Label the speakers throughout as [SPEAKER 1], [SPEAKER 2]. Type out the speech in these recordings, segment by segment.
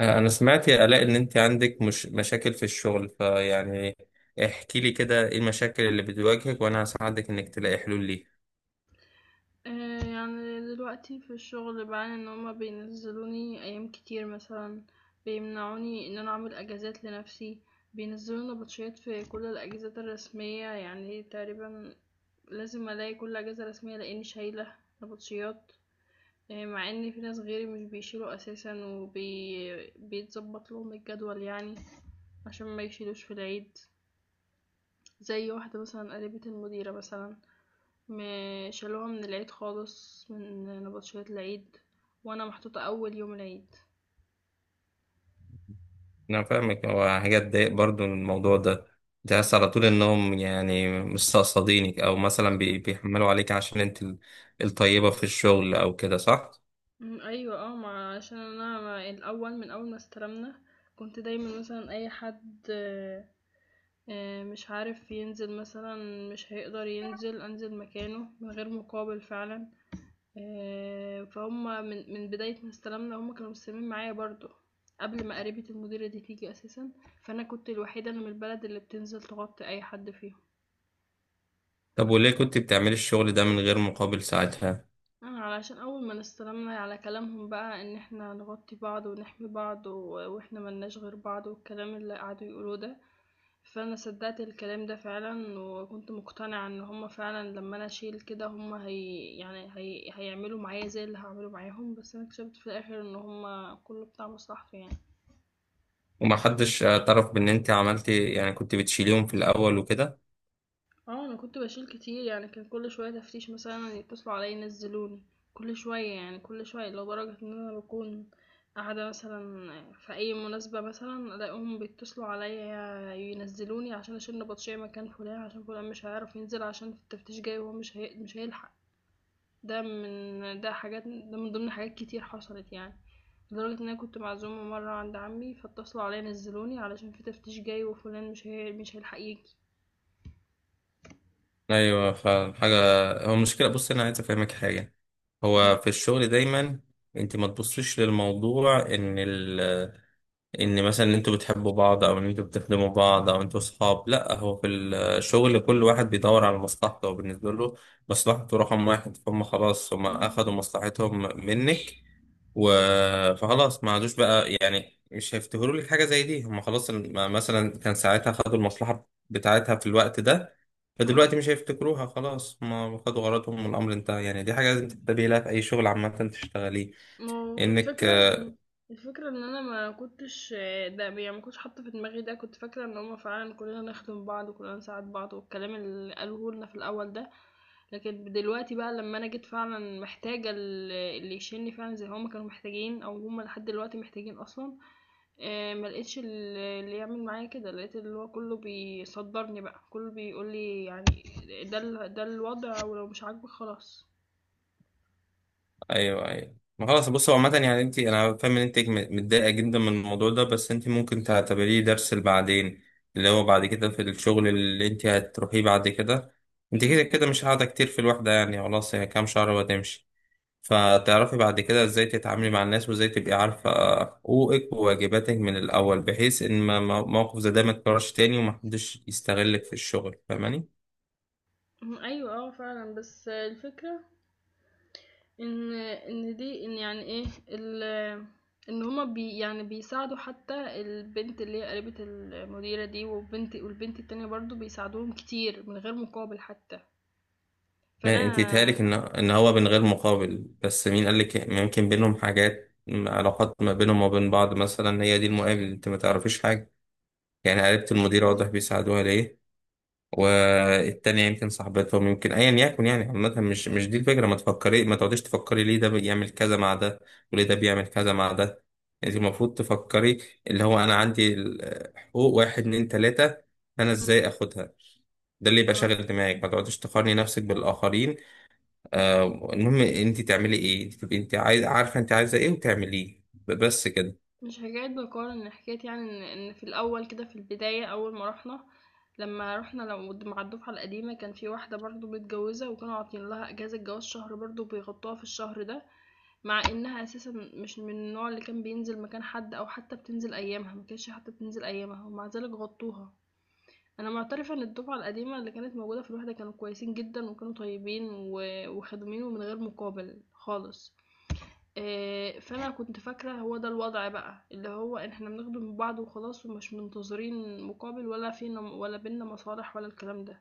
[SPEAKER 1] أنا سمعت يا آلاء ان انت عندك مش مشاكل في الشغل فيعني احكي لي كده ايه المشاكل اللي بتواجهك وانا هساعدك انك تلاقي حلول ليها.
[SPEAKER 2] يعني دلوقتي في الشغل بعاني ان هما بينزلوني ايام كتير مثلا، بيمنعوني ان انا اعمل اجازات لنفسي. بينزلوا نبطشيات في كل الاجازات الرسمية يعني تقريبا لازم الاقي كل اجازة رسمية لاني شايلة نبطشيات. مع ان في ناس غيري مش بيشيلوا اساسا وبي بيتظبط لهم الجدول يعني، عشان ما يشيلوش في العيد. زي واحدة مثلا قريبة المديرة مثلا، ما شالوها من العيد خالص من نبطشيات العيد، وانا محطوطة اول يوم العيد.
[SPEAKER 1] انا فاهمك، هو حاجات تضايق برضو الموضوع ده. تحس على طول انهم يعني مستقصدينك او مثلا بيحملوا عليك عشان انت الطيبة في الشغل او كده، صح؟
[SPEAKER 2] مم، ايوه اه. ما عشان انا الاول من اول ما استلمنا كنت دايما مثلا اي حد مش عارف ينزل مثلا، مش هيقدر ينزل انزل مكانه من غير مقابل فعلا. فهم. من بداية ما استلمنا هم كانوا مستلمين معايا برضو، قبل ما قريبة المديرة دي تيجي اساسا. فانا كنت الوحيدة اللي من البلد اللي بتنزل تغطي اي حد فيهم.
[SPEAKER 1] طب وليه كنت بتعملي الشغل ده من غير مقابل ساعتها؟
[SPEAKER 2] علشان أول ما استلمنا على كلامهم بقى إن إحنا نغطي بعض ونحمي بعض وإحنا ملناش غير بعض والكلام اللي قعدوا يقولوه ده، فأنا صدقت الكلام ده فعلا وكنت مقتنعة إن هما فعلا لما أنا أشيل كده هما هي يعني هي هيعملوا معايا زي اللي هعمله معاهم، بس أنا اكتشفت في الآخر إن هما كله بتاع مصلحته يعني.
[SPEAKER 1] ومحدش اعترف بان انت عملتي، يعني كنت بتشيليهم في الاول وكده.
[SPEAKER 2] اه انا كنت بشيل كتير يعني، كان كل شويه تفتيش مثلا يتصلوا عليا ينزلوني، كل شويه لدرجه ان انا بكون قاعده مثلا في اي مناسبه مثلا الاقيهم بيتصلوا عليا ينزلوني عشان اشيل نبطشيه مكان فلان، عشان فلان مش هيعرف ينزل عشان في التفتيش جاي وهو مش هيلحق. ده من ضمن حاجات كتير حصلت يعني. لدرجة ان انا كنت معزومة مرة عند عمي فاتصلوا عليا نزلوني علشان في تفتيش جاي وفلان مش هيلحق يجي.
[SPEAKER 1] ايوه فعلا حاجه. هو المشكله بص، انا عايز افهمك حاجه.
[SPEAKER 2] مم.
[SPEAKER 1] هو في الشغل دايما انت ما تبصيش للموضوع ان ال ان مثلا ان انتوا بتحبوا بعض او ان انتوا بتخدموا بعض او انتوا صحاب، لا هو في الشغل كل واحد بيدور على مصلحته، وبالنسبه له مصلحته رقم واحد. فهم خلاص، هم
[SPEAKER 2] مم.
[SPEAKER 1] اخدوا مصلحتهم منك و... فخلاص ما عادوش بقى، يعني مش هيفتكروا لك حاجه زي دي. هم خلاص مثلا كان ساعتها خدوا المصلحه بتاعتها في الوقت ده،
[SPEAKER 2] اه.
[SPEAKER 1] فدلوقتي مش هيفتكروها. خلاص ما خدوا غرضهم والامر انتهى. يعني دي حاجه لازم تنتبهي لها في اي شغل عامه تشتغليه.
[SPEAKER 2] ما هو
[SPEAKER 1] انك
[SPEAKER 2] الفكرة إن، الفكرة إن أنا ما كنتش ده يعني ما كنتش حاطة في دماغي ده، كنت فاكرة إن هما فعلا كلنا نخدم بعض وكلنا نساعد بعض والكلام اللي قالوه لنا في الأول ده. لكن دلوقتي بقى لما أنا جيت فعلا محتاجة اللي يشيلني فعلا زي ما هما كانوا محتاجين، أو هما لحد دلوقتي محتاجين أصلا، ما لقيتش اللي يعمل معايا كده. لقيت اللي هو كله بيصدرني بقى، كله بيقولي يعني ده الوضع ولو مش عاجبك خلاص.
[SPEAKER 1] ايوه ايوه، ما خلاص بص، هو عامة يعني انت، انا فاهم ان انت متضايقة جدا من الموضوع ده، بس انت ممكن تعتبريه درس لبعدين، اللي هو بعد كده في الشغل اللي انت هتروحيه بعد كده. انت كده
[SPEAKER 2] مم.
[SPEAKER 1] كده مش قاعدة كتير في الوحدة، يعني خلاص هي كام شهر وهتمشي. فتعرفي بعد كده ازاي تتعاملي مع الناس وازاي تبقي عارفة حقوقك وواجباتك من الأول، بحيث ان موقف زي ده ما يتكررش تاني ومحدش يستغلك في الشغل. فاهماني؟
[SPEAKER 2] ايوه اه فعلا. بس الفكره إن إن دي إن يعني إيه ال إن هما بي يعني بيساعدوا حتى البنت اللي هي قريبة المديرة دي، والبنت التانية برضو بيساعدوهم كتير من غير مقابل حتى،
[SPEAKER 1] ما
[SPEAKER 2] فأنا.
[SPEAKER 1] انت تهالك ان ان هو من غير مقابل، بس مين قال لك؟ ممكن بينهم حاجات، علاقات ما بينهم وبين بعض مثلا، هي دي المقابل، انت ما تعرفيش حاجه. يعني قريبة المدير واضح
[SPEAKER 2] مم.
[SPEAKER 1] بيساعدوها ليه، والتانية يمكن صاحبتهم، يمكن ايا يكن يعني. عامة مش دي الفكرة، ما تفكري، ما تقعديش تفكري ليه ده بيعمل كذا مع ده وليه ده بيعمل كذا مع ده. انت المفروض تفكري اللي هو انا عندي حقوق واحد اتنين تلاتة، انا
[SPEAKER 2] مم.
[SPEAKER 1] ازاي اخدها. ده اللي يبقى
[SPEAKER 2] آه.
[SPEAKER 1] شاغل دماغك، ما تقعديش تقارني نفسك بالاخرين. آه المهم انت تعملي ايه، تبقي انت عايز عارفه انت عايزه ايه وتعمليه بس كده.
[SPEAKER 2] مش حكاية بقارن، حكاية يعني إن في الأول كده في البداية أول ما رُحنا، لمّا رُحنا لو د مع الدفعة القديمة، كان في واحدة برضه متجوزة وكانوا عاطيين لها إجازة جواز شهر، برضه بيغطوها في الشهر ده، مع إنها أساسًا مش من النوع اللي كان بينزل مكان حد أو حتى بتنزل أيامها، ما كانتش حتى بتنزل أيامها ومع ذلك غطوها. أنا معترفة إن الدفعة القديمة اللي كانت موجودة في الوحدة كانوا كويسين جدًا، وكانوا طيبين وخدومين ومن غير مقابل خالص. فأنا كنت فاكرة هو ده الوضع بقى، اللي هو إن إحنا بنخدم من بعض وخلاص ومش منتظرين مقابل، ولا فينا ولا بيننا مصالح ولا الكلام ده.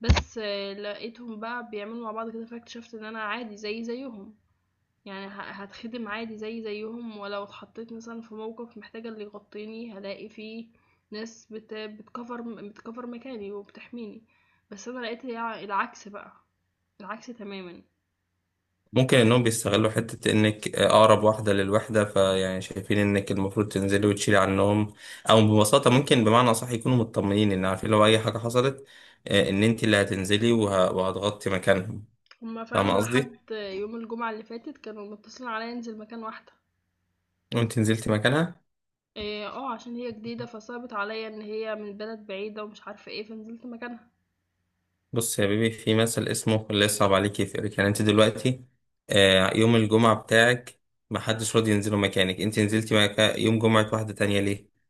[SPEAKER 2] بس لقيتهم بقى بيعملوا مع بعض كده، فاكتشفت إن أنا عادي زيي زيهم. يعني هاتخدم عادي زيي زيهم، ولو اتحطيت مثلًا في موقف محتاجة اللي يغطيني هالاقي في ناس بت بتcover بتcover مكاني وبتحميني. بس أنا لقيت العكس بقى، العكس تمامًا.
[SPEAKER 1] ممكن انهم بيستغلوا حته انك اقرب واحده للوحده فيعني شايفين انك المفروض تنزلي وتشيلي عنهم، او ببساطه ممكن بمعنى صح يكونوا مطمنين ان عارفين لو اي حاجه حصلت ان انت اللي هتنزلي وهتغطي مكانهم.
[SPEAKER 2] هما
[SPEAKER 1] فاهمه
[SPEAKER 2] فعلًا
[SPEAKER 1] قصدي؟
[SPEAKER 2] لحد يوم الجمعة اللي فاتت كانوا متصلين عليَّ أنزل مكان واحدة.
[SPEAKER 1] وانت نزلتي مكانها.
[SPEAKER 2] عشان هي جديدة فصعبت عليَّ إن هي من بلد بعيدة ومش عارفة إيه، فنزلت مكانها.
[SPEAKER 1] بص يا بيبي، في مثل اسمه اللي يصعب عليك يفرق. يعني انت دلوقتي يوم الجمعة بتاعك محدش راضي ينزله مكانك، انت نزلتي يوم جمعة واحدة تانية ليه؟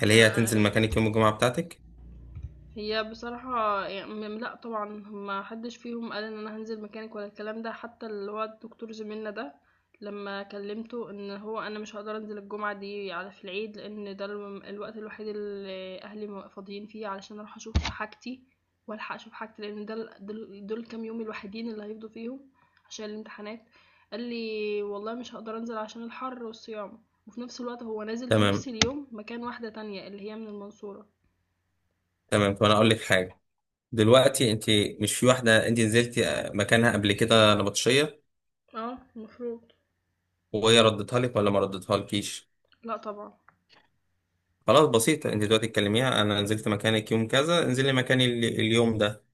[SPEAKER 1] هل
[SPEAKER 2] ما
[SPEAKER 1] هي هتنزل
[SPEAKER 2] آه،
[SPEAKER 1] مكانك يوم الجمعة بتاعتك؟
[SPEAKER 2] هي بصراحة ي م لأ طبعًا، ما حدش فيهم قال إن أنا هانزل مكانِك ولا الكلام ده. حتى اللي هو الدكتور زميلنا ده لمّا كلمته إن هو أنا مش هاقدر أنزل الجمعة دي على في العيد، لإن ده الوقت الوحيد اللي أهلي فاضيين فيه علشان أروح أشوف حاجتي وألحق أشوف حاجتي، لإن ده ال دول دول الكام يوم الوحيدين اللي هيفضوا فيهم عشان الامتحانات، قال لي: "والله مش هاقدر أنزل عشان الحر والصيام." وفي نفس الوقت هو نازل في
[SPEAKER 1] تمام
[SPEAKER 2] نفس اليوم مكان واحدة تانية اللي هي من المنصورة.
[SPEAKER 1] تمام، طب انا اقول لك حاجة. دلوقتي انت مش في واحدة انت نزلتي مكانها قبل كده نبطشية،
[SPEAKER 2] آه المفروض.
[SPEAKER 1] وهي ردتها لك ولا ما ردتها لكيش؟
[SPEAKER 2] لأ طبعًا.
[SPEAKER 1] خلاص بسيطة، انت دلوقتي تكلميها: انا نزلت مكانك يوم كذا، انزلي مكاني اليوم ده.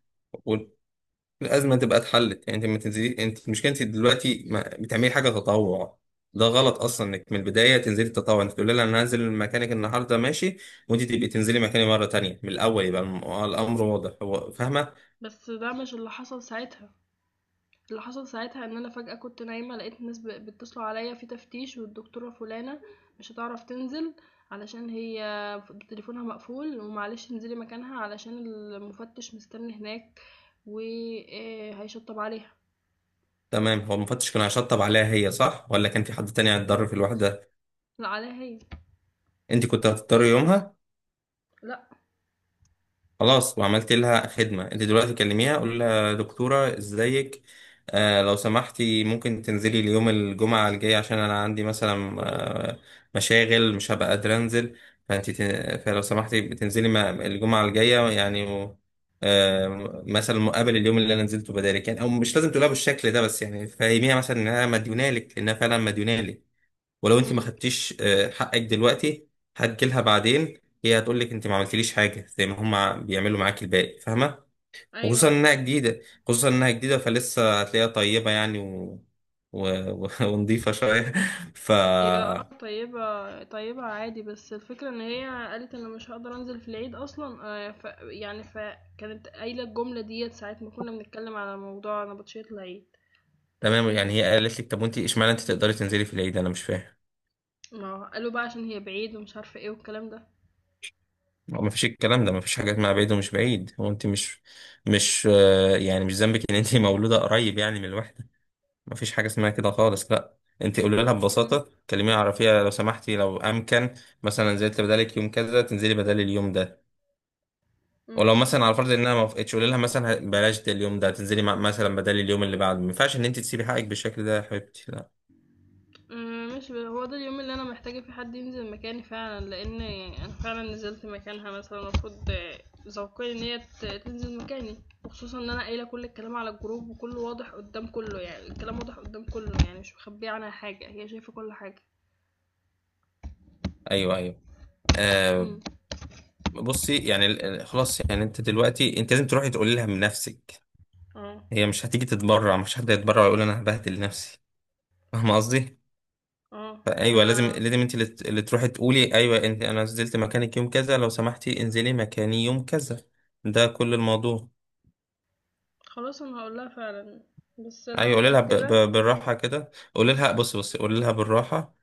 [SPEAKER 1] الازمه تبقى اتحلت. يعني انت ما تنزلي، انت مشكلتي دلوقتي ما بتعملي حاجه تطوع. ده غلط اصلا انك من البدايه تنزلي تطوع. انت تقولي لها انا هنزل مكانك النهارده ماشي، وانت تبقي تنزلي مكاني مره تانية. من الاول يبقى الامر واضح، هو فاهمه.
[SPEAKER 2] بس ده مش اللي حصل ساعتها، اللي حصل ساعتها إن أنا فجأة كنت نايمة لقيت الناس بيتصلوا عليَّ في تفتيش، والدكتورة فلانة مش هتعرف تنزل علشان هي تليفونها مقفول، ومعلش انزلي مكانها علشان المفتش مستني هناك و، هيشطّب عليها.
[SPEAKER 1] تمام، هو المفتش كان هيشطب عليها هي، صح، ولا كان في حد تاني هيتضرر في الوحده؟
[SPEAKER 2] لأ عليها هي.
[SPEAKER 1] انت كنت هتضطري يومها.
[SPEAKER 2] لأ.
[SPEAKER 1] خلاص، وعملت لها خدمة. انت دلوقتي كلميها، قول لها: دكتورة ازيك، آه لو سمحتي ممكن تنزلي اليوم الجمعة الجاي عشان انا عندي مثلا آه مشاغل مش هبقى قادرة انزل، فانت فلو سمحتي بتنزلي الجمعة الجاية يعني و... آه مثلا مقابل اليوم اللي انا نزلته بدالك يعني. او مش لازم تقولها بالشكل ده، بس يعني فهميها مثلا انها مديونالك، لانها فعلا مديونالك. ولو انت ما
[SPEAKER 2] إمم.
[SPEAKER 1] خدتيش حقك دلوقتي، هتجيلها بعدين هي هتقول لك انت ما عملتليش حاجه، زي ما هم بيعملوا معاك الباقي. فاهمه؟
[SPEAKER 2] أيوه،
[SPEAKER 1] وخصوصا
[SPEAKER 2] أيوه.
[SPEAKER 1] انها جديده، خصوصا انها جديده فلسه هتلاقيها طيبه، يعني و... و... و... ونضيفه شويه. ف
[SPEAKER 2] هي اه طيبة طيبة عادي، بس الفكرة ان هي قالت انا مش هقدر انزل في العيد اصلا، ف يعني فكانت قايلة الجملة ديت ساعة ما كنا بنتكلم على موضوع نبطشية العيد.
[SPEAKER 1] تمام، يعني هي قالت لك طب وانت اشمعنى انت تقدري تنزلي في العيد؟ انا مش فاهم.
[SPEAKER 2] ما هو قالوا بقى عشان هي بعيد ومش عارفة ايه والكلام ده.
[SPEAKER 1] هو ما فيش الكلام ده، ما فيش حاجه اسمها بعيد ومش بعيد. هو انت مش يعني مش ذنبك ان انت مولوده قريب يعني من الواحد. مفيش حاجة اسمها كده خالص، لا. انت قولي لها
[SPEAKER 2] مم.
[SPEAKER 1] ببساطة، كلميها عرفيها: لو سمحتي، لو امكن، مثلا نزلت بدالك يوم كذا، تنزلي بدالي اليوم ده. ولو
[SPEAKER 2] مم.
[SPEAKER 1] مثلا على فرض انها ما وافقتش، قولي لها مثلا بلاش ده اليوم ده، تنزلي مثلا بدالي اليوم اللي بعده. ما ينفعش ان انت تسيبي حقك بالشكل ده يا حبيبتي، لا.
[SPEAKER 2] ماشي. هو ده اليوم اللي أنا محتاجة فيه حد ينزل مكاني فعلًا، لإن أنا فعلًا نزلت مكانها مثلًا، المفروض ذوقيا إن هي تنزل مكاني. وخصوصًا إن أنا قايلة كل الكلام على الجروب وكله واضح قدام كله يعني، الكلام واضح قدام كله يعني، مش مخبية عنها حاجة، هي شايفة كل حاجة.
[SPEAKER 1] ايوه ايوه آه.
[SPEAKER 2] امم.
[SPEAKER 1] بصي يعني خلاص يعني انت دلوقتي انت لازم تروحي تقولي لها من نفسك.
[SPEAKER 2] آه،
[SPEAKER 1] هي مش هتيجي تتبرع، مش حد يتبرع ويقول انا هبهدل نفسي. فاهمه قصدي؟
[SPEAKER 2] ما
[SPEAKER 1] ايوه لازم
[SPEAKER 2] أنا.
[SPEAKER 1] لازم انت اللي تروحي تقولي، ايوه انت: انا نزلت مكانك يوم كذا، لو سمحتي انزلي مكاني يوم كذا. ده كل الموضوع.
[SPEAKER 2] خلاص أنا هاقول لها فعلًا، بس أنا
[SPEAKER 1] ايوه قولي لها ب... ب...
[SPEAKER 2] متأكدة إن هي.
[SPEAKER 1] بالراحه كده، قولي لها بص بص قولي لها بالراحه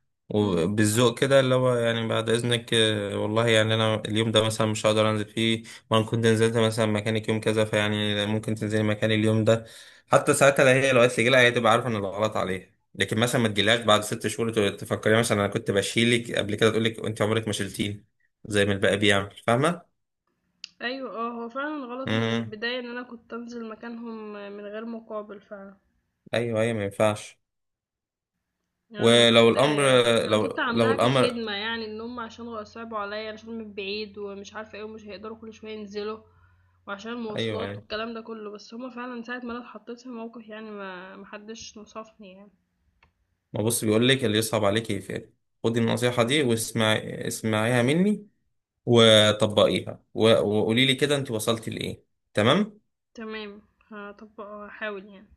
[SPEAKER 2] امم.
[SPEAKER 1] وبالذوق كده، اللي هو يعني بعد اذنك آه، والله يعني انا اليوم ده مثلا مش هقدر انزل فيه، وانا كنت نزلت مثلا مكانك يوم كذا، فيعني ممكن تنزلي مكاني اليوم ده. حتى ساعتها لو هي لو قالت لي جيلها، هي تبقى عارفه ان الغلط عليها. لكن مثلا ما تجيلهاش بعد 6 شهور تفكري مثلا انا كنت بشيلك قبل كده، تقول لك انت عمرك ما شلتيني زي ما الباقي بيعمل. فاهمه؟
[SPEAKER 2] أيوه هو فعلًا غلط من
[SPEAKER 1] امم
[SPEAKER 2] البداية إن أنا كنت أنزل مكانهم من غير مقابل فعلًا.
[SPEAKER 1] ايوه ايوه، ما ينفعش.
[SPEAKER 2] يعني انا
[SPEAKER 1] ولو
[SPEAKER 2] كنت
[SPEAKER 1] الامر،
[SPEAKER 2] انا كنت
[SPEAKER 1] لو لو
[SPEAKER 2] عاملاها
[SPEAKER 1] الامر،
[SPEAKER 2] كخدمه، يعني ان هم عشان صعبوا عليا عشان من بعيد ومش عارفه ايه ومش هيقدروا كل شويه ينزلوا وعشان
[SPEAKER 1] ايوه
[SPEAKER 2] المواصلات
[SPEAKER 1] ايوه،
[SPEAKER 2] والكلام ده كله. بس هما فعلا ساعه ما انا اتحطيت في موقف يعني، ما محدش نصفني يعني.
[SPEAKER 1] ما بص بيقول لك اللي يصعب عليك يفعل. خدي النصيحة دي
[SPEAKER 2] مم.
[SPEAKER 1] واسمعي، اسمعيها مني وطبقيها و... وقولي لي كده انت وصلتي لإيه. تمام.
[SPEAKER 2] تمام. هطبق هحاول يعني.